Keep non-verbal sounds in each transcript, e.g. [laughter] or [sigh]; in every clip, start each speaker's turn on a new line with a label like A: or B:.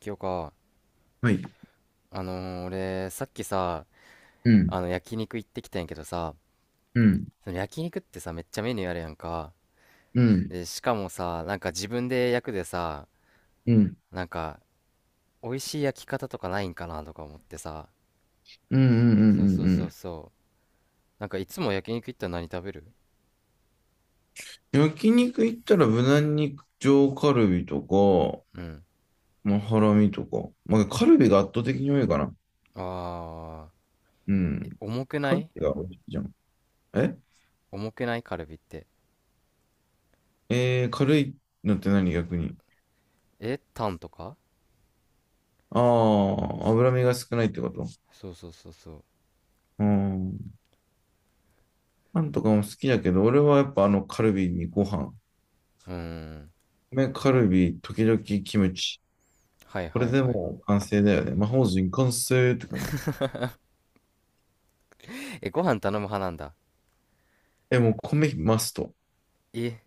A: 今日か？
B: はい。
A: 俺、さっきさ、
B: うん、
A: 焼肉行ってきたんやけどさ、
B: うん、
A: その焼肉ってさ、めっちゃメニューあるやんか。
B: うん、
A: で、しかもさ、なんか自分で焼くでさ、
B: うん、うん、
A: なんか、美味しい焼き方とかないんかなとか思ってさ。
B: うん、うん、う
A: そうそ
B: ん。
A: う
B: う
A: そう
B: ん。
A: そう。なんかいつも焼肉行ったら何食べる？
B: 焼肉行ったら無難に上カルビとか、
A: うん。
B: まあ、ハラミとか。まあ、カルビが圧倒的に多いかな。
A: あ
B: う
A: ー、え、
B: ん。
A: 重く
B: カ
A: な
B: ル
A: い？
B: ビが多いじゃん。え
A: 重くないカルビって。
B: えー、軽いのって何逆に。
A: え、タンとか。
B: ああ、脂身が少ないってこと？
A: そうそうそうそう。
B: うん。パンとかも好きだけど、俺はやっぱあのカルビにご飯。
A: うーん。
B: 米カルビ、時々キムチ。
A: はい
B: これ
A: はい
B: で
A: はい。
B: もう完成だよね。魔法陣完成って感じ。
A: え、ご飯頼む派なんだ。
B: え、もう米マスト。
A: え、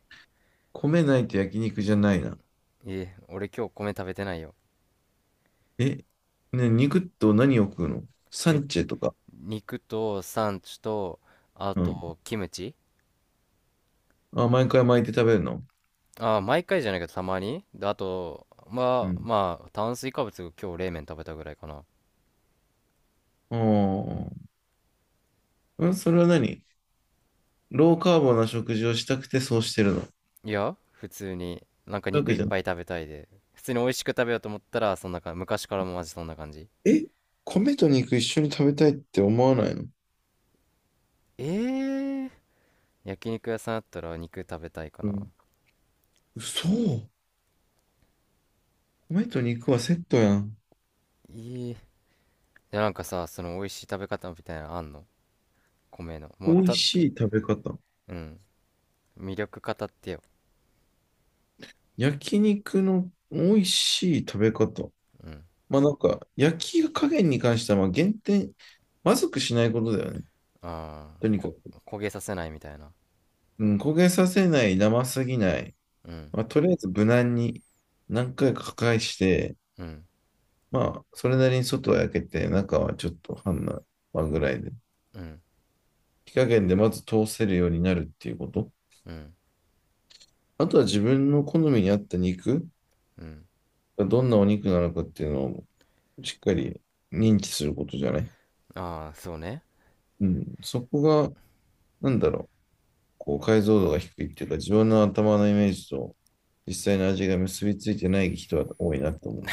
B: 米ないと焼肉じゃないな。
A: え、俺今日米食べてないよ。
B: え、ね、肉と何を食うの？サ
A: え、
B: ンチェとか。
A: 肉とサンチュと、あ
B: うん。
A: と、キムチ。
B: あ、毎回巻いて食べるの？
A: あー、毎回じゃないけど、たまに。で、あと、
B: う
A: まあ、
B: ん。
A: まあ、炭水化物、今日冷麺食べたぐらいかな。
B: ああ。うん、それは何？ローカーボな食事をしたくてそうしてるの。そうい
A: いや、普通に、なんか
B: うわ
A: 肉
B: け
A: いっ
B: じゃん。
A: ぱい食べたいで。普通に美味しく食べようと思ったら、そんな感じ。昔からもマジそんな感じ。
B: え、米と肉一緒に食べたいって思わないの？
A: えー、焼肉屋さんあったら肉食べたいか
B: う
A: な。
B: ん。嘘。米と肉はセットやん。
A: いい。で、なんかさ、その美味しい食べ方みたいなのあんの？米の。
B: 美
A: もう
B: 味
A: た、
B: しい食べ方。
A: うん。魅力語ってよ。
B: 焼肉の美味しい食べ方。
A: うん。
B: まあなんか、焼き加減に関してはまあ減点、まずくしないことだよね。
A: ああ、
B: とにかく、
A: 焦げさせないみたいな。
B: うん、焦げさせない、生すぎない。
A: うん、
B: まあ、とりあえず無難に何回か破壊して、
A: うん、
B: まあ、それなりに外は焼けて、中はちょっと半生、まあ、ぐらいで。
A: うん、
B: 火加減でまず通せるようになるっていうこと。
A: うん、
B: あとは自分の好みに合った肉
A: うん。
B: がどんなお肉なのかっていうのをしっかり認知することじゃない。
A: ああー、そうね。
B: うん。そこが、なんだろう、こう解像度が低いっていうか、自分の頭のイメージと実際の味が結びついてない人は多いなと思う。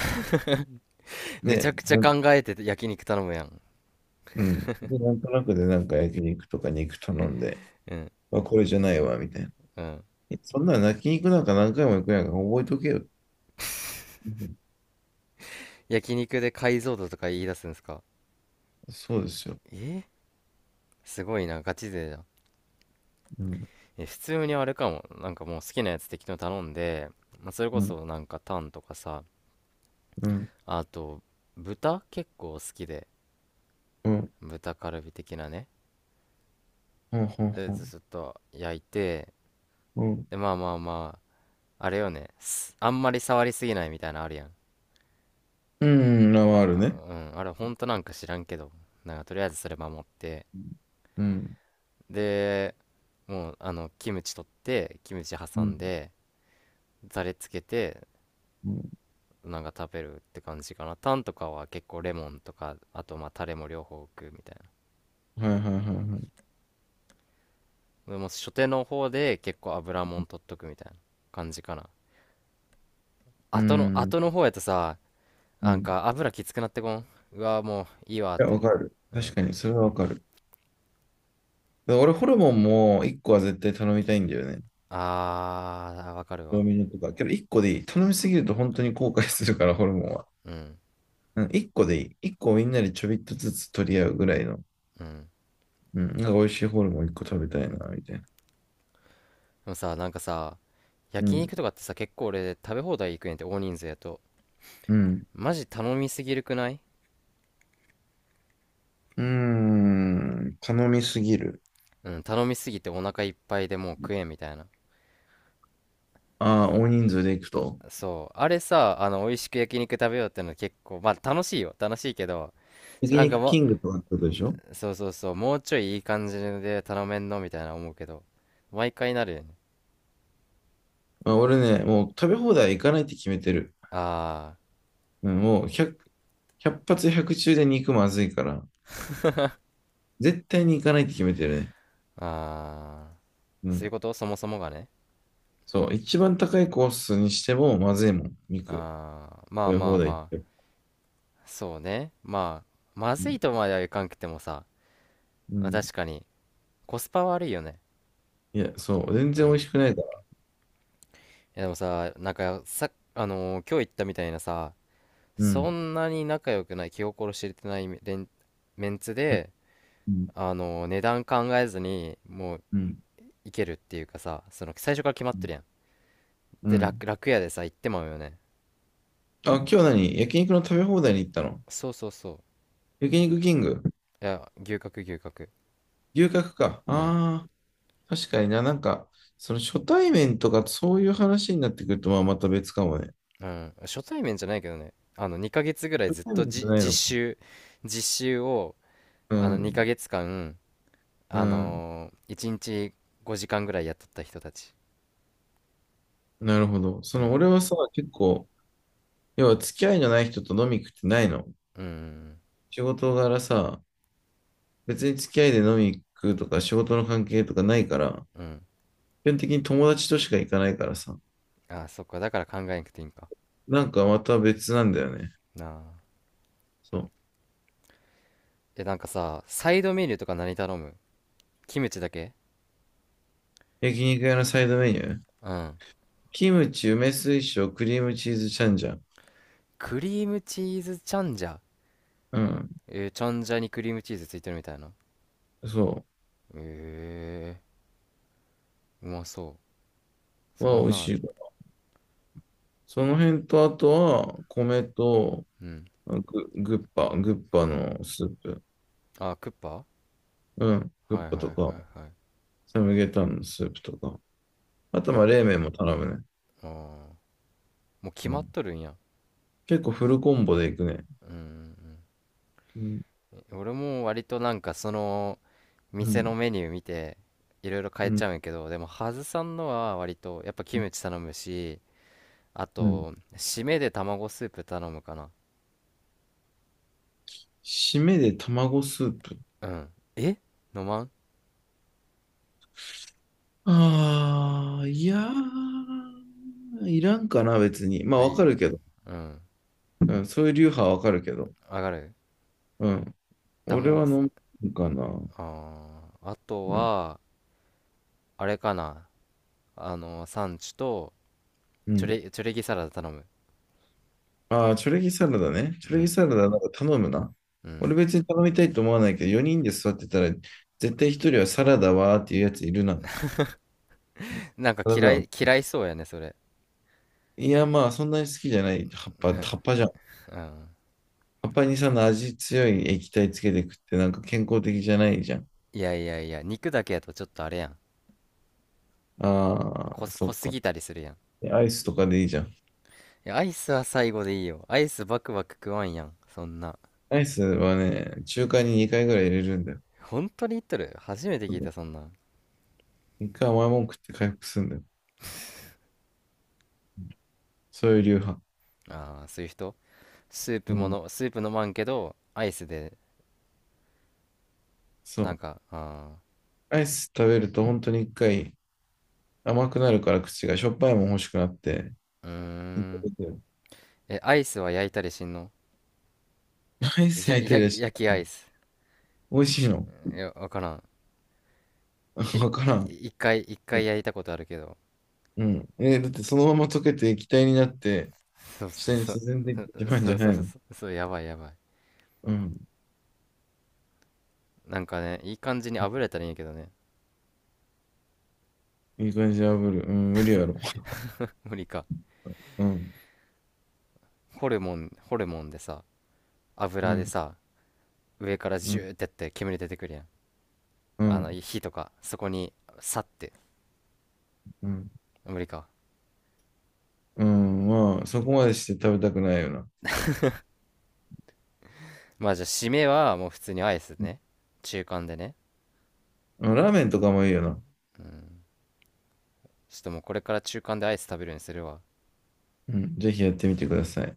A: めち
B: で、
A: ゃくちゃ考えてて焼肉頼むやん。
B: うん。で、なんとなくでなんか焼肉とか肉頼んで、
A: うん、
B: まあ、これじゃないわ、みたいな。
A: うん。
B: えそんなの焼肉なんか何回も行くやんか、覚えとけよ。うん。
A: 焼肉で解像度とか言い出すんですか？
B: そうですよ。
A: え、すごいなガチ勢じゃん。
B: うん、
A: え、普通にあれかも。なんかもう好きなやつ適当に頼んで、まあ、それこ
B: うん、
A: そなんかタンとかさ。
B: うん、
A: あと豚結構好きで、
B: うん、
A: 豚カルビ的なね。
B: うん、
A: で
B: うん、
A: ずっと焼いて、
B: うん、
A: でまあまあまあ、あれよね、あんまり触りすぎないみたいなのあるやん。
B: うあるね。
A: あー、うん、あれ本当なんか知らんけど、なんかとりあえずそれ守って、
B: うん、
A: で、もうあのキムチ取ってキムチ
B: う
A: 挟ん
B: ん、
A: で、ザレつけて、
B: うん。
A: なんか食べるって感じかな。タンとかは結構レモンとか、あとまあタレも両方置くみたい
B: はいはいはいはい。
A: な。でも初手の方で結構油もん取っとくみたいな感じかな。
B: うん、
A: 後の方やとさ、
B: う
A: なん
B: ん。い
A: か油きつくなってこん、うわもういいわっ
B: や、わ
A: て。
B: かる。
A: う
B: 確
A: ん。
B: かに、それはわかる。だから俺、ホルモンも1個は絶対頼みたいんだよね。
A: あーわかる
B: ド
A: わ。
B: ミノとか。けど、1個でいい。頼みすぎると本当に後悔するから、ホルモンは。
A: うん、
B: うん、一個でいい。一個みんなでちょびっとずつ取り合うぐらいの。
A: うん。
B: うん、なんか美味しいホルモン一個食べたいな、みたいな。
A: でもさ、なんかさ、
B: う
A: 焼
B: ん、
A: 肉とかってさ、結構俺食べ放題行くねんって、大人数やと。
B: うん。
A: マジ頼みすぎるくない？
B: うーん、頼みすぎる。
A: うん、頼みすぎてお腹いっぱいでもう食えんみたいな。
B: ああ、大人数で行くと。
A: そう。あれさ、美味しく焼肉食べようってのは結構、まあ楽しいよ。楽しいけど、
B: 焼
A: なんか
B: 肉キ
A: も
B: ングとかってことでしょ？
A: う、そうそうそう、もうちょいいい感じで頼めんのみたいな思うけど、毎回なるよね。
B: あ、俺ね、もう食べ放題行かないって決めてる。
A: あ
B: うん、もう100、ひゃっ発100中で肉まずいから、絶対に行かないって決めてるね。
A: ー、あ
B: う
A: ー、そういう
B: ん。
A: こと、そもそもがね。
B: そう、一番高いコースにしてもまずいもん、肉。
A: あー、ま
B: 食
A: あ
B: べ
A: まあ
B: 放題っ
A: ま
B: て。
A: あ、そうね。まあ、ま
B: う
A: ず
B: ん。
A: いとまではいかんくてもさ、
B: う
A: まあ
B: ん。
A: 確かにコスパ悪いよね。
B: いや、そう、全
A: う
B: 然美
A: ん。
B: 味し
A: い
B: くないから。
A: やでもさ、なんかさ、今日言ったみたいなさ、
B: う
A: そ
B: ん。
A: んなに仲良くない、気心知れてないメンツ
B: うん。
A: で、
B: うん。
A: 値段考えずにもう
B: うん。
A: いけるっていうかさ、その最初から決まっ
B: うん。
A: てるやん。
B: う
A: で
B: ん。
A: 楽屋でさ行ってまうよね。
B: あ、今日何？焼肉の食べ放題に行ったの？
A: そうそうそ
B: 焼肉キング？
A: う、いや牛角、牛角。
B: 牛角か。
A: うん、
B: ああ、確かにな。なんか、その初対面とかそういう話になってくると、まあまた別かもね。
A: うん。初対面じゃないけどね、あの2ヶ月ぐらい
B: 初
A: ずっ
B: 対
A: と、
B: 面じゃない
A: 実
B: のか。
A: 習実習を、
B: う
A: あの
B: ん、
A: 2ヶ月間、
B: うん。
A: 1日5時間ぐらい雇った人たち。
B: なるほど。そ
A: う
B: の
A: ん。
B: 俺はさ、結構、要は付き合いのない人と飲み行くってないの。
A: うん、
B: 仕事柄さ、別に付き合いで飲み行くとか仕事の関係とかないから、
A: うん、うん。うん。
B: 基本的に友達としか行かないからさ、
A: ああ、そっか。だから考えなくていいんか。
B: なんかまた別なんだよね。
A: なあ。
B: そう。
A: え、なんかさ、サイドメニューとか何頼む？キムチだけ？
B: 焼肉屋のサイドメニュー。
A: うん。
B: キムチ、梅水晶、クリームチーズチャンジャン。
A: クリームチーズチャンジャ。
B: うん。
A: チャンジャにクリームチーズついてるみたいな。
B: そ
A: ええー、うまそう。
B: う。
A: そ
B: は
A: ん
B: 美
A: な
B: 味
A: んあ
B: し
A: る。
B: い。その辺と、あとは、米と、
A: うん。
B: グッパのスープ。
A: あ、クッパ、は
B: うん。
A: い
B: グ
A: は
B: ッ
A: いは
B: パとか、
A: いはい。
B: サムゲタンのスープとか。あと、
A: あ、
B: まあ、冷麺も頼むね。
A: あー、もう
B: う
A: 決ま
B: ん。
A: っとるんや。
B: 結構フルコンボでいくね。
A: うん、うん、
B: うん。
A: うん。俺も割となんかその、
B: う
A: 店
B: ん。
A: のメニュー見ていろいろ変
B: う
A: えち
B: ん。
A: ゃうんやけど、でもハズさんのは割とやっぱキムチ頼むし、あ
B: うん。
A: と締めで卵スープ頼むかな。
B: 締めで卵スープ。
A: うん。え、飲まん？
B: ああ、いやー、いらんかな、別に。まあ、
A: あい
B: わか
A: いな。
B: るけど。
A: うん。
B: うん、そういう流派はわかるけど。
A: 上がる。
B: うん。俺は
A: 卵ス
B: 飲むかな。
A: あー、あと
B: うん。
A: はあれかな、あのサンチュと、
B: うん。
A: チュレギサラダ頼む。
B: ああ、チョレギサラダね。
A: う
B: チョレギ
A: ん、
B: サラダなんか頼むな。
A: うん。
B: 俺別に頼みたいと思わないけど、4人で座ってたら、絶対1人はサラダはーっていうやついるな。
A: なんか
B: サラダ
A: 嫌
B: は？
A: い嫌いそうやねそれ。
B: いや、まあ、そんなに好きじゃない。葉っぱ、葉っぱじゃん。
A: うん。
B: 葉っぱにその味強い液体つけて食ってなんか健康的じゃないじゃん。
A: いやいやいや、肉だけやとちょっとあれやん、
B: ああ、そ
A: 濃
B: っ
A: す
B: か。
A: ぎたりするやん。
B: アイスとかでいいじゃん。
A: いや、アイスは最後でいいよ。アイスバクバク食わんやん、そんな。
B: アイスはね、中華に2回ぐらい入れるんだよ。
A: 本当に言っとる？初めて聞いたそんなん。
B: 1回甘いもん食って回復するんだよ。そういう流派。
A: ああー、そういう人。スープ
B: う
A: も
B: ん。
A: のスープ飲まんけどアイスで、
B: そ
A: なん
B: う。
A: かあ、
B: アイス食べると本当に一回甘くなるから口がしょっぱいもん欲しくなって。
A: あー、うーん。え、アイスは焼いたりしんの？
B: アイ
A: い
B: ス
A: や
B: 焼い
A: い
B: て
A: や、
B: るやし、
A: 焼きアイス。
B: 美味しいの？
A: いやわからん。
B: [laughs]
A: え、
B: わからん。
A: 一回焼いたことあるけど。
B: うん。え、だってそのまま溶けて液体になって、
A: そうそ
B: 下に
A: う
B: 沈んでいっ
A: そう
B: てしまう
A: そ
B: んじゃ
A: うそうそ
B: な
A: う
B: い
A: そ
B: の？
A: うそう、やばいやばい。
B: うん。
A: なんかね、いい感じに炙れたらいいんやけどね。
B: いい感じで炙る。うん、無理やろ。
A: 無理か。
B: うん。
A: ホルモン、ホルモンでさ、
B: う
A: 油で
B: ん。
A: さ、上から
B: う
A: ジ
B: ん。
A: ューってやって煙出てくるやん。
B: う
A: あの
B: ん。
A: 火とかそこにさって。
B: うん。
A: 無理か。
B: うん。まあ、そこまでして食べたくないよな。
A: まあじゃあ締めはもう普通にアイス
B: う
A: ね。中間でね。
B: ん。ラーメンとかもいいよな。
A: うん。ちょっともうこれから中間でアイス食べるようにするわ
B: うん。ぜひやってみてください。